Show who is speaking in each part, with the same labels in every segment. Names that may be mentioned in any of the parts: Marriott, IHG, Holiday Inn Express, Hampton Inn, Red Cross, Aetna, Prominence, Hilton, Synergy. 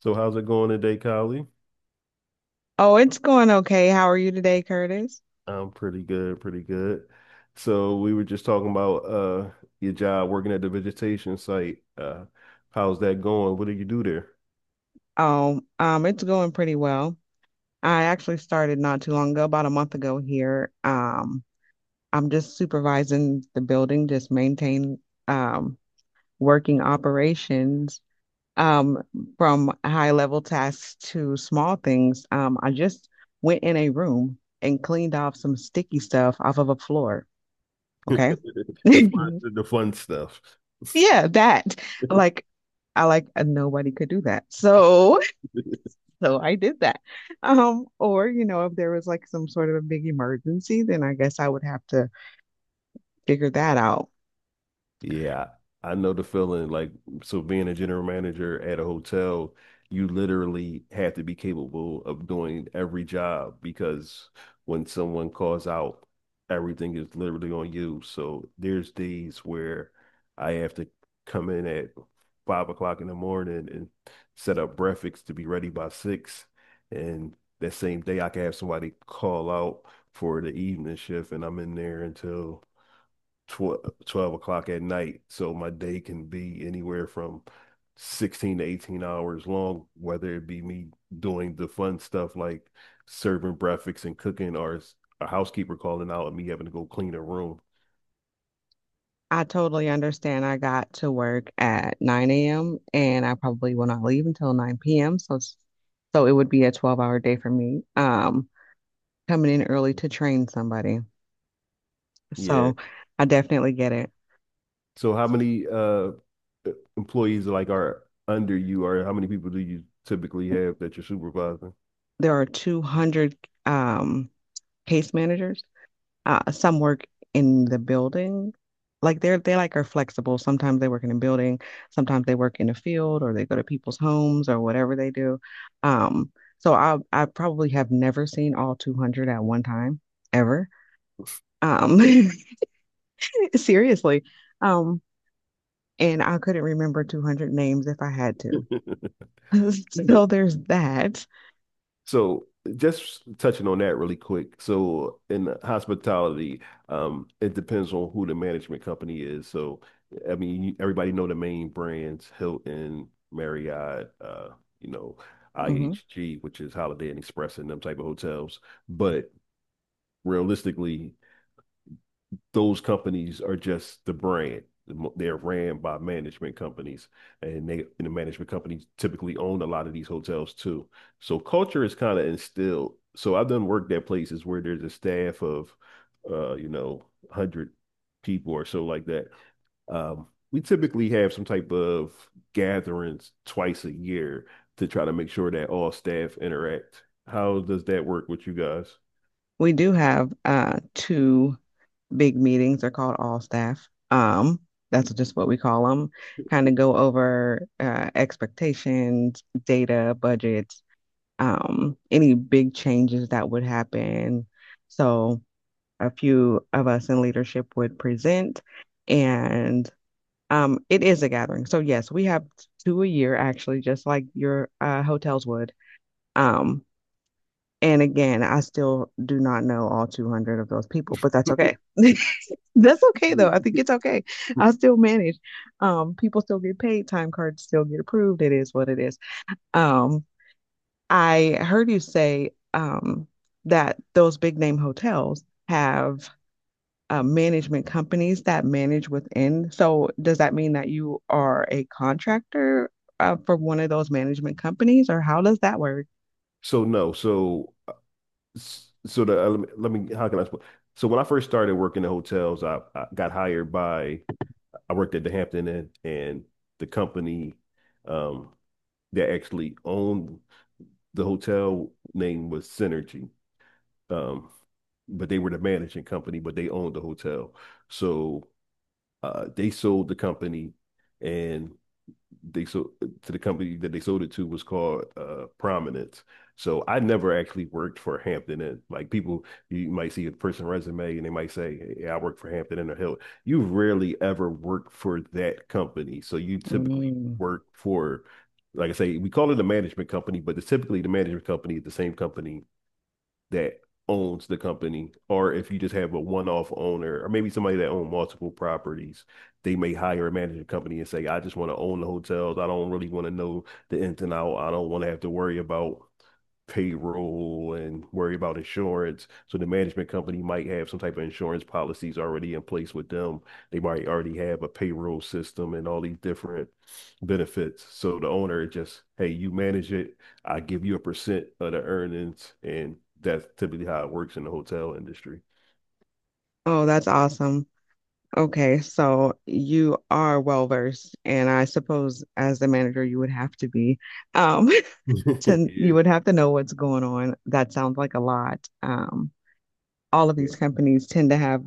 Speaker 1: So how's it going today, Kylie?
Speaker 2: Oh, it's going okay. How are you today, Curtis?
Speaker 1: I'm pretty good, pretty good. So we were just talking about your job working at the vegetation site. How's that going? What do you do there?
Speaker 2: Oh, it's going pretty well. I actually started not too long ago, about a month ago here. I'm just supervising the building, just maintain um working operations um from high level tasks to small things. I just went in a room and cleaned off some sticky stuff off of a floor. Okay.
Speaker 1: The fun stuff.
Speaker 2: Yeah, that. Like I like nobody could do that. So I did that. Or, if there was like some sort of a big emergency, then I guess I would have to figure that out.
Speaker 1: Yeah, I know the feeling. Like, so being a general manager at a hotel, you literally have to be capable of doing every job because when someone calls out, everything is literally on you. So there's days where I have to come in at 5 o'clock in the morning and set up breakfast to be ready by 6. And that same day, I can have somebody call out for the evening shift, and I'm in there until tw 12 o'clock at night. So my day can be anywhere from 16 to 18 hours long, whether it be me doing the fun stuff like serving breakfast and cooking or a housekeeper calling out and me having to go clean a room.
Speaker 2: I totally understand. I got to work at 9 a.m. and I probably will not leave until 9 p.m. So, so it would be a 12-hour day for me, coming in early to train somebody.
Speaker 1: Yeah.
Speaker 2: So I definitely get it.
Speaker 1: So how many e- employees like are under you, or how many people do you typically have that you're supervising?
Speaker 2: There are 200 um, case managers. Some work in the building. Like they like are flexible. Sometimes they work in a building, sometimes they work in a field or they go to people's homes or whatever they do. Um, so I probably have never seen all 200 at one time ever. Um, seriously. Um, and I couldn't remember 200 names if I had to.
Speaker 1: The,
Speaker 2: So there's that.
Speaker 1: So just touching on that really quick. So in hospitality, it depends on who the management company is. So I mean, you- everybody know the main brands, Hilton, Marriott, you know,
Speaker 2: Mhm.
Speaker 1: IHG, which is Holiday Inn Express and them type of hotels. But realistically, those companies are just the brand. They're ran by management companies, and the management companies typically own a lot of these hotels too. So culture is kind of instilled. So I've done work at places where there's a staff of, you know, 100 people or so like that. We typically have some type of gatherings 2 times a year to try to make sure that all staff interact. How does that work with you guys?
Speaker 2: We do have two big meetings are called all staff. That's just what we call them. Kind of go over expectations, data, budgets, any big changes that would happen. So a few of us in leadership would present, and it is a gathering. So yes, we have two a year actually, just like your hotels would. Um, and again, I still do not know all 200 of those people, but that's okay. That's okay though. I think it's okay. I still manage. People still get paid, time cards still get approved. It is what it is. Um, I heard you say that those big name hotels have management companies that manage within. So does that mean that you are a contractor for one of those management companies, or how does that work?
Speaker 1: So no, so so the let me, let me, how can I explain? So when I first started working in hotels, I got hired by, I worked at the Hampton Inn, and the company um, that actually owned the hotel name was Synergy, um, but they were the managing company, but they owned the hotel. So they sold the company, and they sold the company that they sold it to was called Prominence. So I never actually worked for Hampton Inn. Like people, you might see a person resume and they might say, "Yeah, I worked for Hampton Inn or Hill." You rarely ever work for that company. So you typically
Speaker 2: Mm.
Speaker 1: work for, like I say, we call it a management company, but it's typically the management company is the same company that owns the company, or if you just have a one-off owner, or maybe somebody that owns multiple properties, they may hire a management company and say, "I just want to own the hotels. I don't really want to know the ins and out. I don't want to have to worry about payroll and worry about insurance." So the management company might have some type of insurance policies already in place with them. They might already have a payroll system and all these different benefits. So the owner just, hey, you manage it. I give you a percent of the earnings, and that's typically how it works in the hotel industry.
Speaker 2: Oh, that's awesome. Okay, so you are well versed, and I suppose as the manager you would have to be. Um, to you would have to know what's going on. That sounds like a lot. All of
Speaker 1: Yeah,
Speaker 2: these companies tend to have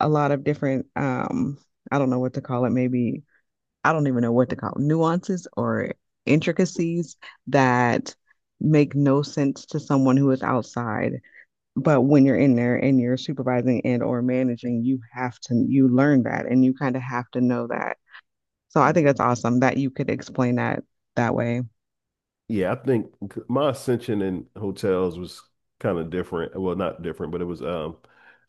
Speaker 2: a lot of different I don't know what to call it, maybe I don't even know what to call it, nuances or intricacies that make no sense to someone who is outside, but when you're in there and you're supervising and or managing, you have to you learn that, and you kind of have to know that. So I think
Speaker 1: yeah.
Speaker 2: that's awesome that you could explain that that way.
Speaker 1: Yeah, I think my ascension in hotels was kind of different. Well, not different, but it was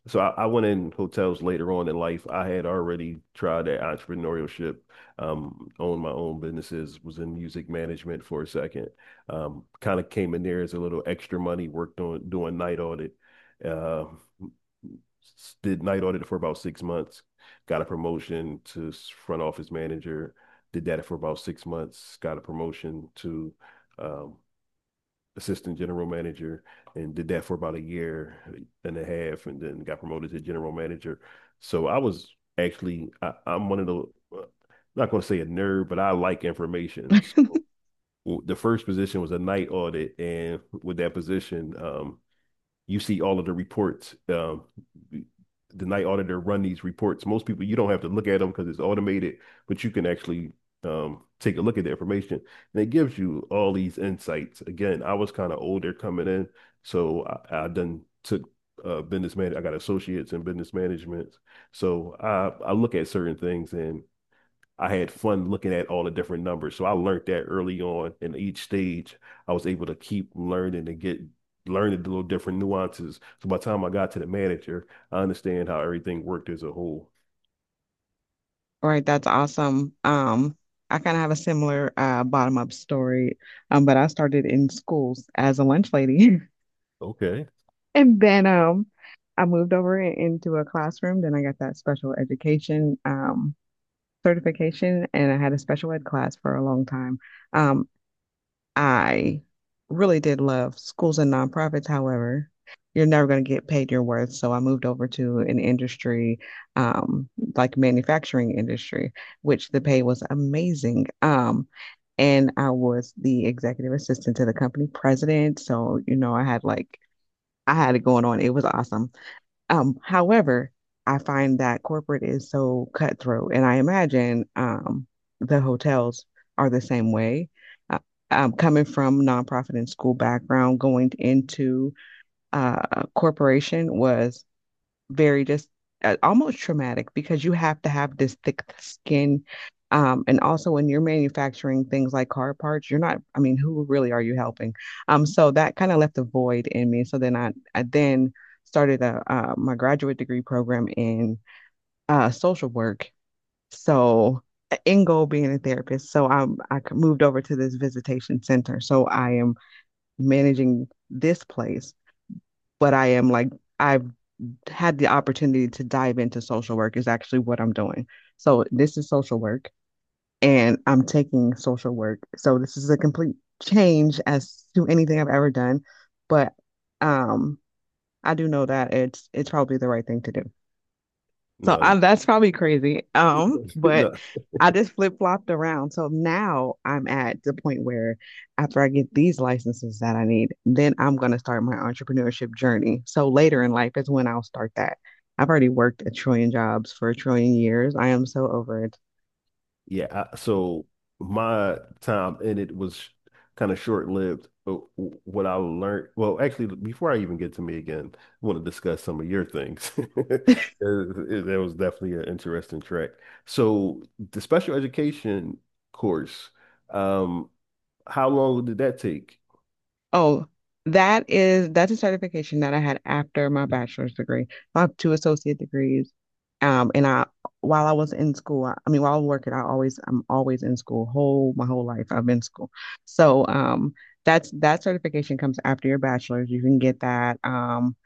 Speaker 1: so I went in hotels later on in life. I had already tried that entrepreneurship, owned my own businesses, was in music management for a second. Kind of came in there as a little extra money, worked on doing night audit. Uh, did night audit for about 6 months, got a promotion to front office manager, did that for about 6 months, got a promotion to um, assistant general manager, and did that for about a year and a half, and then got promoted to general manager. So I was actually, I'm one of the, uh, not going to say a nerd, but I like information. So the first position was a night audit. And with that position, you see all of the reports. The night auditor run these reports. Most people, you don't have to look at them because it's automated, but you can actually take a look at the information, and it gives you all these insights. Again, I was kind of older coming in, so I done took business man. I got associates in business management, so I look at certain things, and I had fun looking at all the different numbers. So I learned that early on in each stage. I was able to keep learning and get learning the little different nuances. So by the time I got to the manager, I understand how everything worked as a whole.
Speaker 2: All right, that's awesome. I kind of have a similar bottom up story. But I started in schools as a lunch lady.
Speaker 1: Okay.
Speaker 2: And then I moved over into a classroom. Then I got that special education certification, and I had a special ed class for a long time. um I really did love schools and nonprofits. However, you're never going to get paid your worth. So I moved over to an industry, um, like manufacturing industry, which the pay was amazing. And I was the executive assistant to the company president. So, I had like, I had it going on. It was awesome. However, I find that corporate is so cutthroat, and I imagine the hotels are the same way. Uh, Coming from nonprofit and school background, going into uh, corporation was very just almost traumatic because you have to have this thick skin. And also when you're manufacturing things like car parts, you're not, I mean, who really are you helping? So that kind of left a void in me. So then I then started my graduate degree program in social work. So end goal being a therapist. So I moved over to this visitation center. So I am managing this place, but I am like, I've had the opportunity to dive into social work is actually what I'm doing. So this is social work and I'm taking social work. So this is a complete change as to anything I've ever done, but um I do know that it's probably the right thing to do. So
Speaker 1: No,
Speaker 2: that's probably crazy. But
Speaker 1: no,
Speaker 2: I just flip-flopped around. So now I'm at the point where after I get these licenses that I need, then I'm going to start my entrepreneurship journey. So later in life is when I'll start that. I've already worked a trillion jobs for a trillion years. I am so over it.
Speaker 1: Yeah, so my time in it was kind of short-lived. What I learned, well, actually, before I even get to me again, I want to discuss some of your things. It- That was definitely an interesting track. So the special education course, um, how long did that take?
Speaker 2: Oh, that's a certification that I had after my bachelor's degree. I have two associate degrees. And I While I was in school, I mean while I was working, I'm always in school. Whole my whole life I've been in school. So that's that certification comes after your bachelor's. You can get that.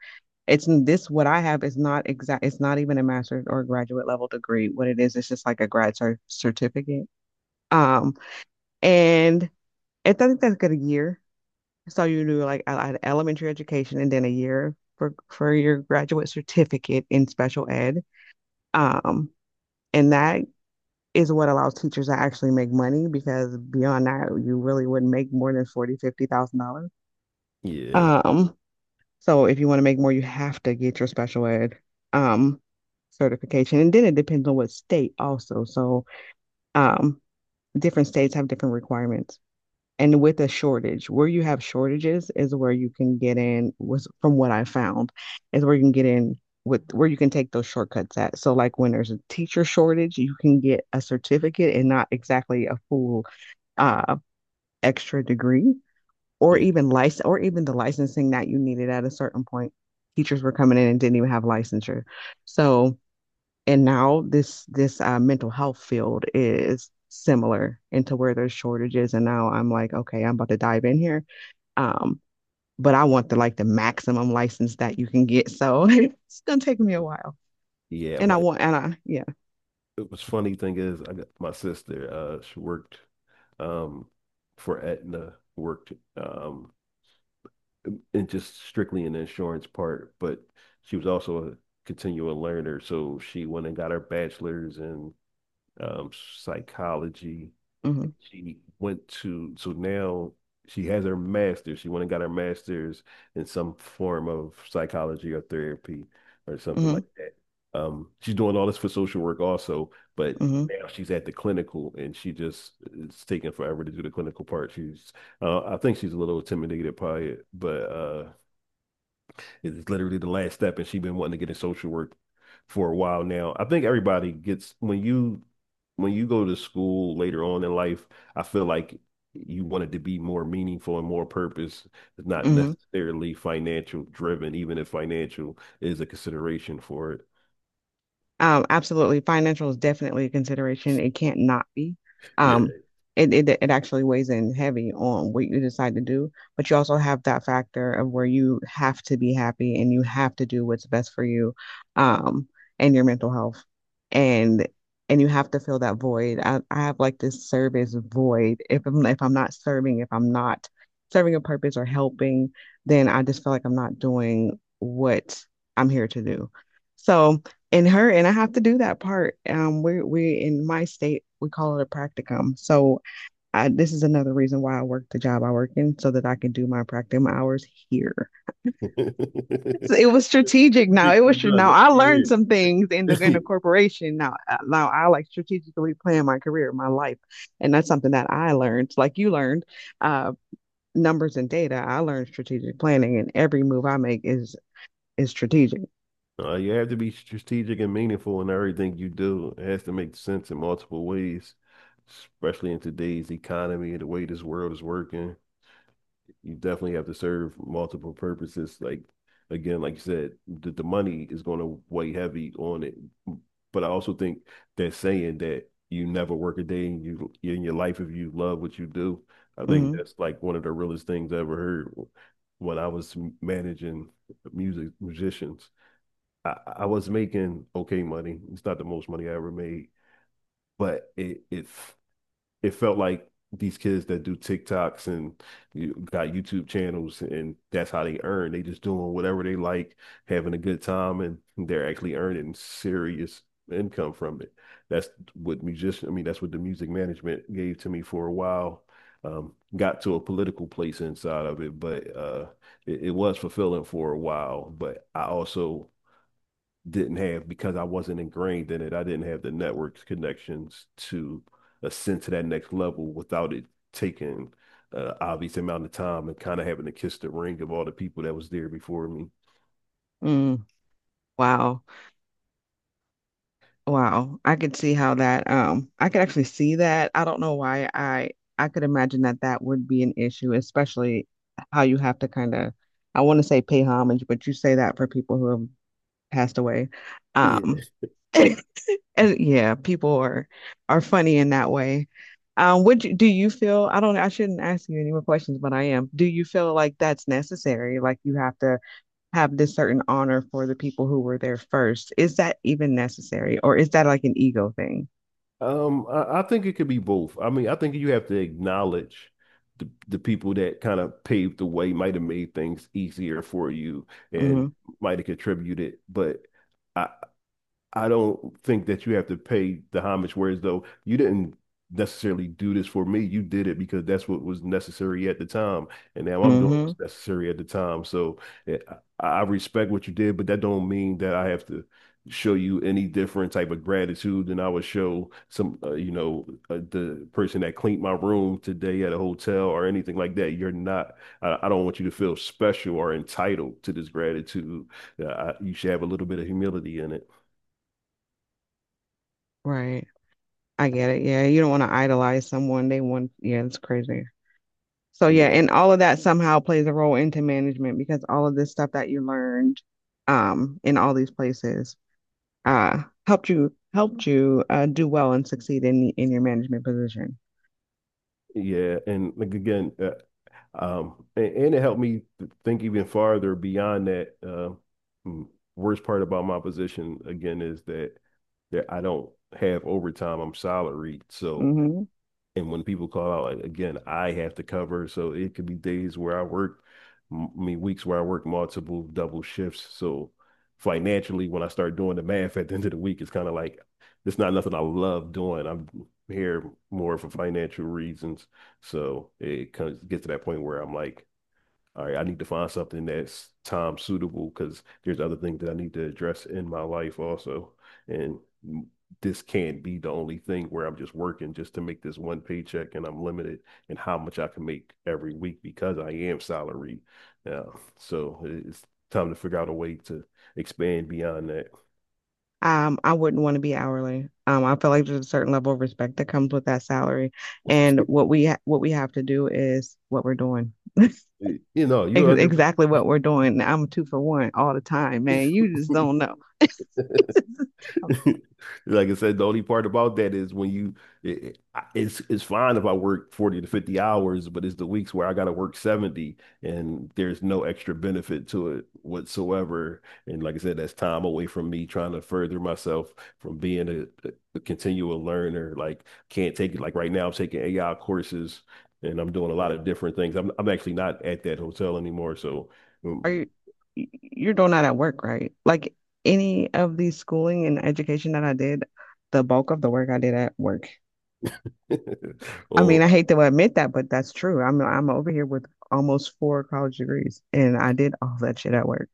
Speaker 2: It's this what I have is not exact, it's not even a master's or graduate level degree. What it is, it's just like a grad certificate. Um and it doesn't take a year. So you do like I elementary education, and then a year for your graduate certificate in special ed. Um, and that is what allows teachers to actually make money because beyond that, you really wouldn't make more than 40, $50,000.
Speaker 1: Yeah,
Speaker 2: Um, so if you want to make more, you have to get your special ed um certification. And then it depends on what state also. So um different states have different requirements. And with a shortage, where you have shortages is where you can get in, was from what I found, is where you can get in with where you can take those shortcuts at. So like when there's a teacher shortage, you can get a certificate and not exactly a full uh extra degree or
Speaker 1: yeah.
Speaker 2: even license or even the licensing that you needed at a certain point. Teachers were coming in and didn't even have licensure. So and now this mental health field is similar into where there's shortages, and now I'm like, okay, I'm about to dive in here. Um but I want the maximum license that you can get. So it's gonna take me a while.
Speaker 1: Yeah,
Speaker 2: And I want, and I yeah.
Speaker 1: it was funny thing is I got my sister, she worked um for Aetna, worked in just strictly in the insurance part, but she was also a continual learner. So she went and got her bachelor's in um, psychology.
Speaker 2: Mm-hmm,
Speaker 1: She went to, so now she has her master's. She went and got her master's in some form of psychology or therapy or something
Speaker 2: mm-hmm,
Speaker 1: like that. She's doing all this for social work also, but
Speaker 2: mm-hmm,
Speaker 1: now she's at the clinical and she just, it's taking forever to do the clinical part. She's, I think she's a little intimidated by it, but it's literally the last step, and she's been wanting to get in social work for a while now. I think everybody gets when you go to school later on in life, I feel like you want it to be more meaningful and more purpose. It's not
Speaker 2: mm-hmm.
Speaker 1: necessarily financial driven, even if financial is a consideration for
Speaker 2: Absolutely. Financial is definitely a consideration. It can't not be.
Speaker 1: it. Yeah.
Speaker 2: Um, it actually weighs in heavy on what you decide to do, but you also have that factor of where you have to be happy and you have to do what's best for you, um, and your mental health. And and you have to fill that void. I have like this service void. If I'm not serving, if I'm not serving a purpose or helping, then I just feel like I'm not doing what I'm here to do. So, and her and I have to do that part. We're in my state we call it a practicum. So this is another reason why I work the job I work in so that I can do my practicum hours here. So it was strategic.
Speaker 1: You
Speaker 2: Now
Speaker 1: think
Speaker 2: it
Speaker 1: you
Speaker 2: was
Speaker 1: know
Speaker 2: now
Speaker 1: that-
Speaker 2: I learned some
Speaker 1: Yeah.
Speaker 2: things in the corporation. Now I like strategically plan my career, my life, and that's something that I learned. Like you learned, uh, numbers and data. I learned strategic planning, and every move I make is strategic.
Speaker 1: You have to be strategic and meaningful in everything you do. It has to make sense in multiple ways, especially in today's economy and the way this world is working. You definitely have to serve multiple purposes. Like, again, like you said, the money is going to weigh heavy on it. But I also think that saying that you never work a day in your life if you love what you do, I think
Speaker 2: Mm-hmm.
Speaker 1: that's like one of the realest things I ever heard when I was managing musicians. I was making okay money. It's not the most money I ever made, but it felt like these kids that do TikToks and you got YouTube channels, and that's how they earn. They just doing whatever they like, having a good time, and they're actually earning serious income from it. That's I mean, that's what the music management gave to me for a while. Got to a political place inside of it, but it was fulfilling for a while. But I also didn't have because I wasn't ingrained in it. I didn't have the networks connections to ascend to that next level without it taking obvious amount of time and kind of having to kiss the ring of all the people that was there before me.
Speaker 2: Mm. Wow. Wow, I could see how that I could actually see that. I don't know why I could imagine that that would be an issue, especially how you have to kind of, I want to say, pay homage, but you say that for people who have passed away.
Speaker 1: Yeah.
Speaker 2: Um And yeah, people are funny in that way. Do you feel, I don't, I shouldn't ask you any more questions, but I am. Do you feel like that's necessary? Like you have to have this certain honor for the people who were there first. Is that even necessary, or is that like an ego thing?
Speaker 1: I think it could be both. I mean, I think you have to acknowledge the people that kind of paved the way, might have made things easier for you and
Speaker 2: Hmm.
Speaker 1: might have contributed, but I, I don't think that you have to pay the homage, whereas though you didn't necessarily do this for me. You did it because that's what was necessary at the time. And now I'm doing what's
Speaker 2: Hmm.
Speaker 1: necessary at the time. So eh, I respect what you did, but that don't mean that I have to show you any different type of gratitude than I would show some, you know, the person that cleaned my room today at a hotel or anything like that. You're not, I don't want you to feel special or entitled to this gratitude. You should have a little bit of humility in it.
Speaker 2: Right. I get it. Yeah, you don't want to idolize someone. They want. Yeah, it's crazy. So yeah,
Speaker 1: Yeah.
Speaker 2: and all of that somehow plays a role into management because all of this stuff that you learned, in all these places helped you do well and succeed in your management position.
Speaker 1: Yeah, and like again, and it helped me think even farther beyond that. Mm, Worst part about my position again is that I don't have overtime. I'm salaried, so
Speaker 2: Hmm.
Speaker 1: and when people call out, like, again, I have to cover. So it could be days where I work, I mean, weeks where I work multiple double shifts. So financially, when I start doing the math at the end of the week, it's kind of like it's not nothing I love doing. I'm here more for financial reasons. So it comes gets to that point where I'm like, all right, I need to find something that's time suitable because there's other things that I need to address in my life also. And this can't be the only thing where I'm just working just to make this one paycheck and I'm limited in how much I can make every week because I am salary now. So it's time to figure out a way to expand beyond that.
Speaker 2: I wouldn't want to be hourly. I feel like there's a certain level of respect that comes with that salary, and what we have to do is what we're doing. Ex-
Speaker 1: You know, you're under
Speaker 2: exactly what we're doing. I'm two for one all the time, man. You just don't know. Um,
Speaker 1: Like I said, the only part about that is when it, it's fine if I work 40 to 50 hours, but it's the weeks where I got to work 70 and there's no extra benefit to it whatsoever. And like I said, that's time away from me trying to further myself from being a, a continual learner. Like can't take it. Like right now, I'm taking AI courses and I'm doing a lot of different things. I'm actually not at that hotel anymore, so.
Speaker 2: Are
Speaker 1: um,
Speaker 2: you you're doing that at work, right? Like any of the schooling and education that I did, the bulk of the work I did at work. I mean, I
Speaker 1: online
Speaker 2: hate to admit that, but that's true. I'm over here with almost four college degrees, and I did all that shit at work.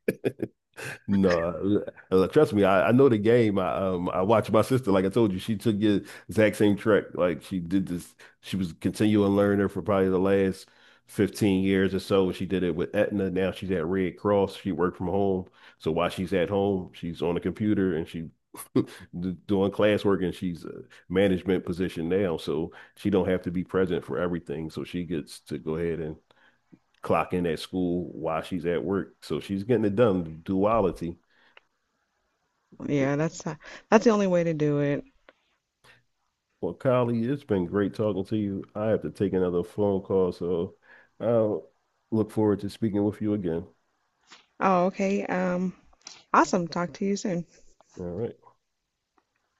Speaker 1: No, trust me, I know the game. I watched my sister, like I told you, she took the exact same track. Like she did this, she was continuing learner for probably the last 15 years or so. She did it with Aetna. Now she's at Red Cross. She worked from home. So while she's at home, she's on the computer and she doing classwork, and she's a management position now. So she don't have to be present for everything. So she gets to go ahead and clock in at school while she's at work. So she's getting it done, duality.
Speaker 2: Yeah, that's the only way to do it.
Speaker 1: Well, Kylie, it's been great talking to you. I have to take another phone call, so I'll look forward to speaking with you again.
Speaker 2: Oh, okay. Awesome. Talk to you soon.
Speaker 1: All right.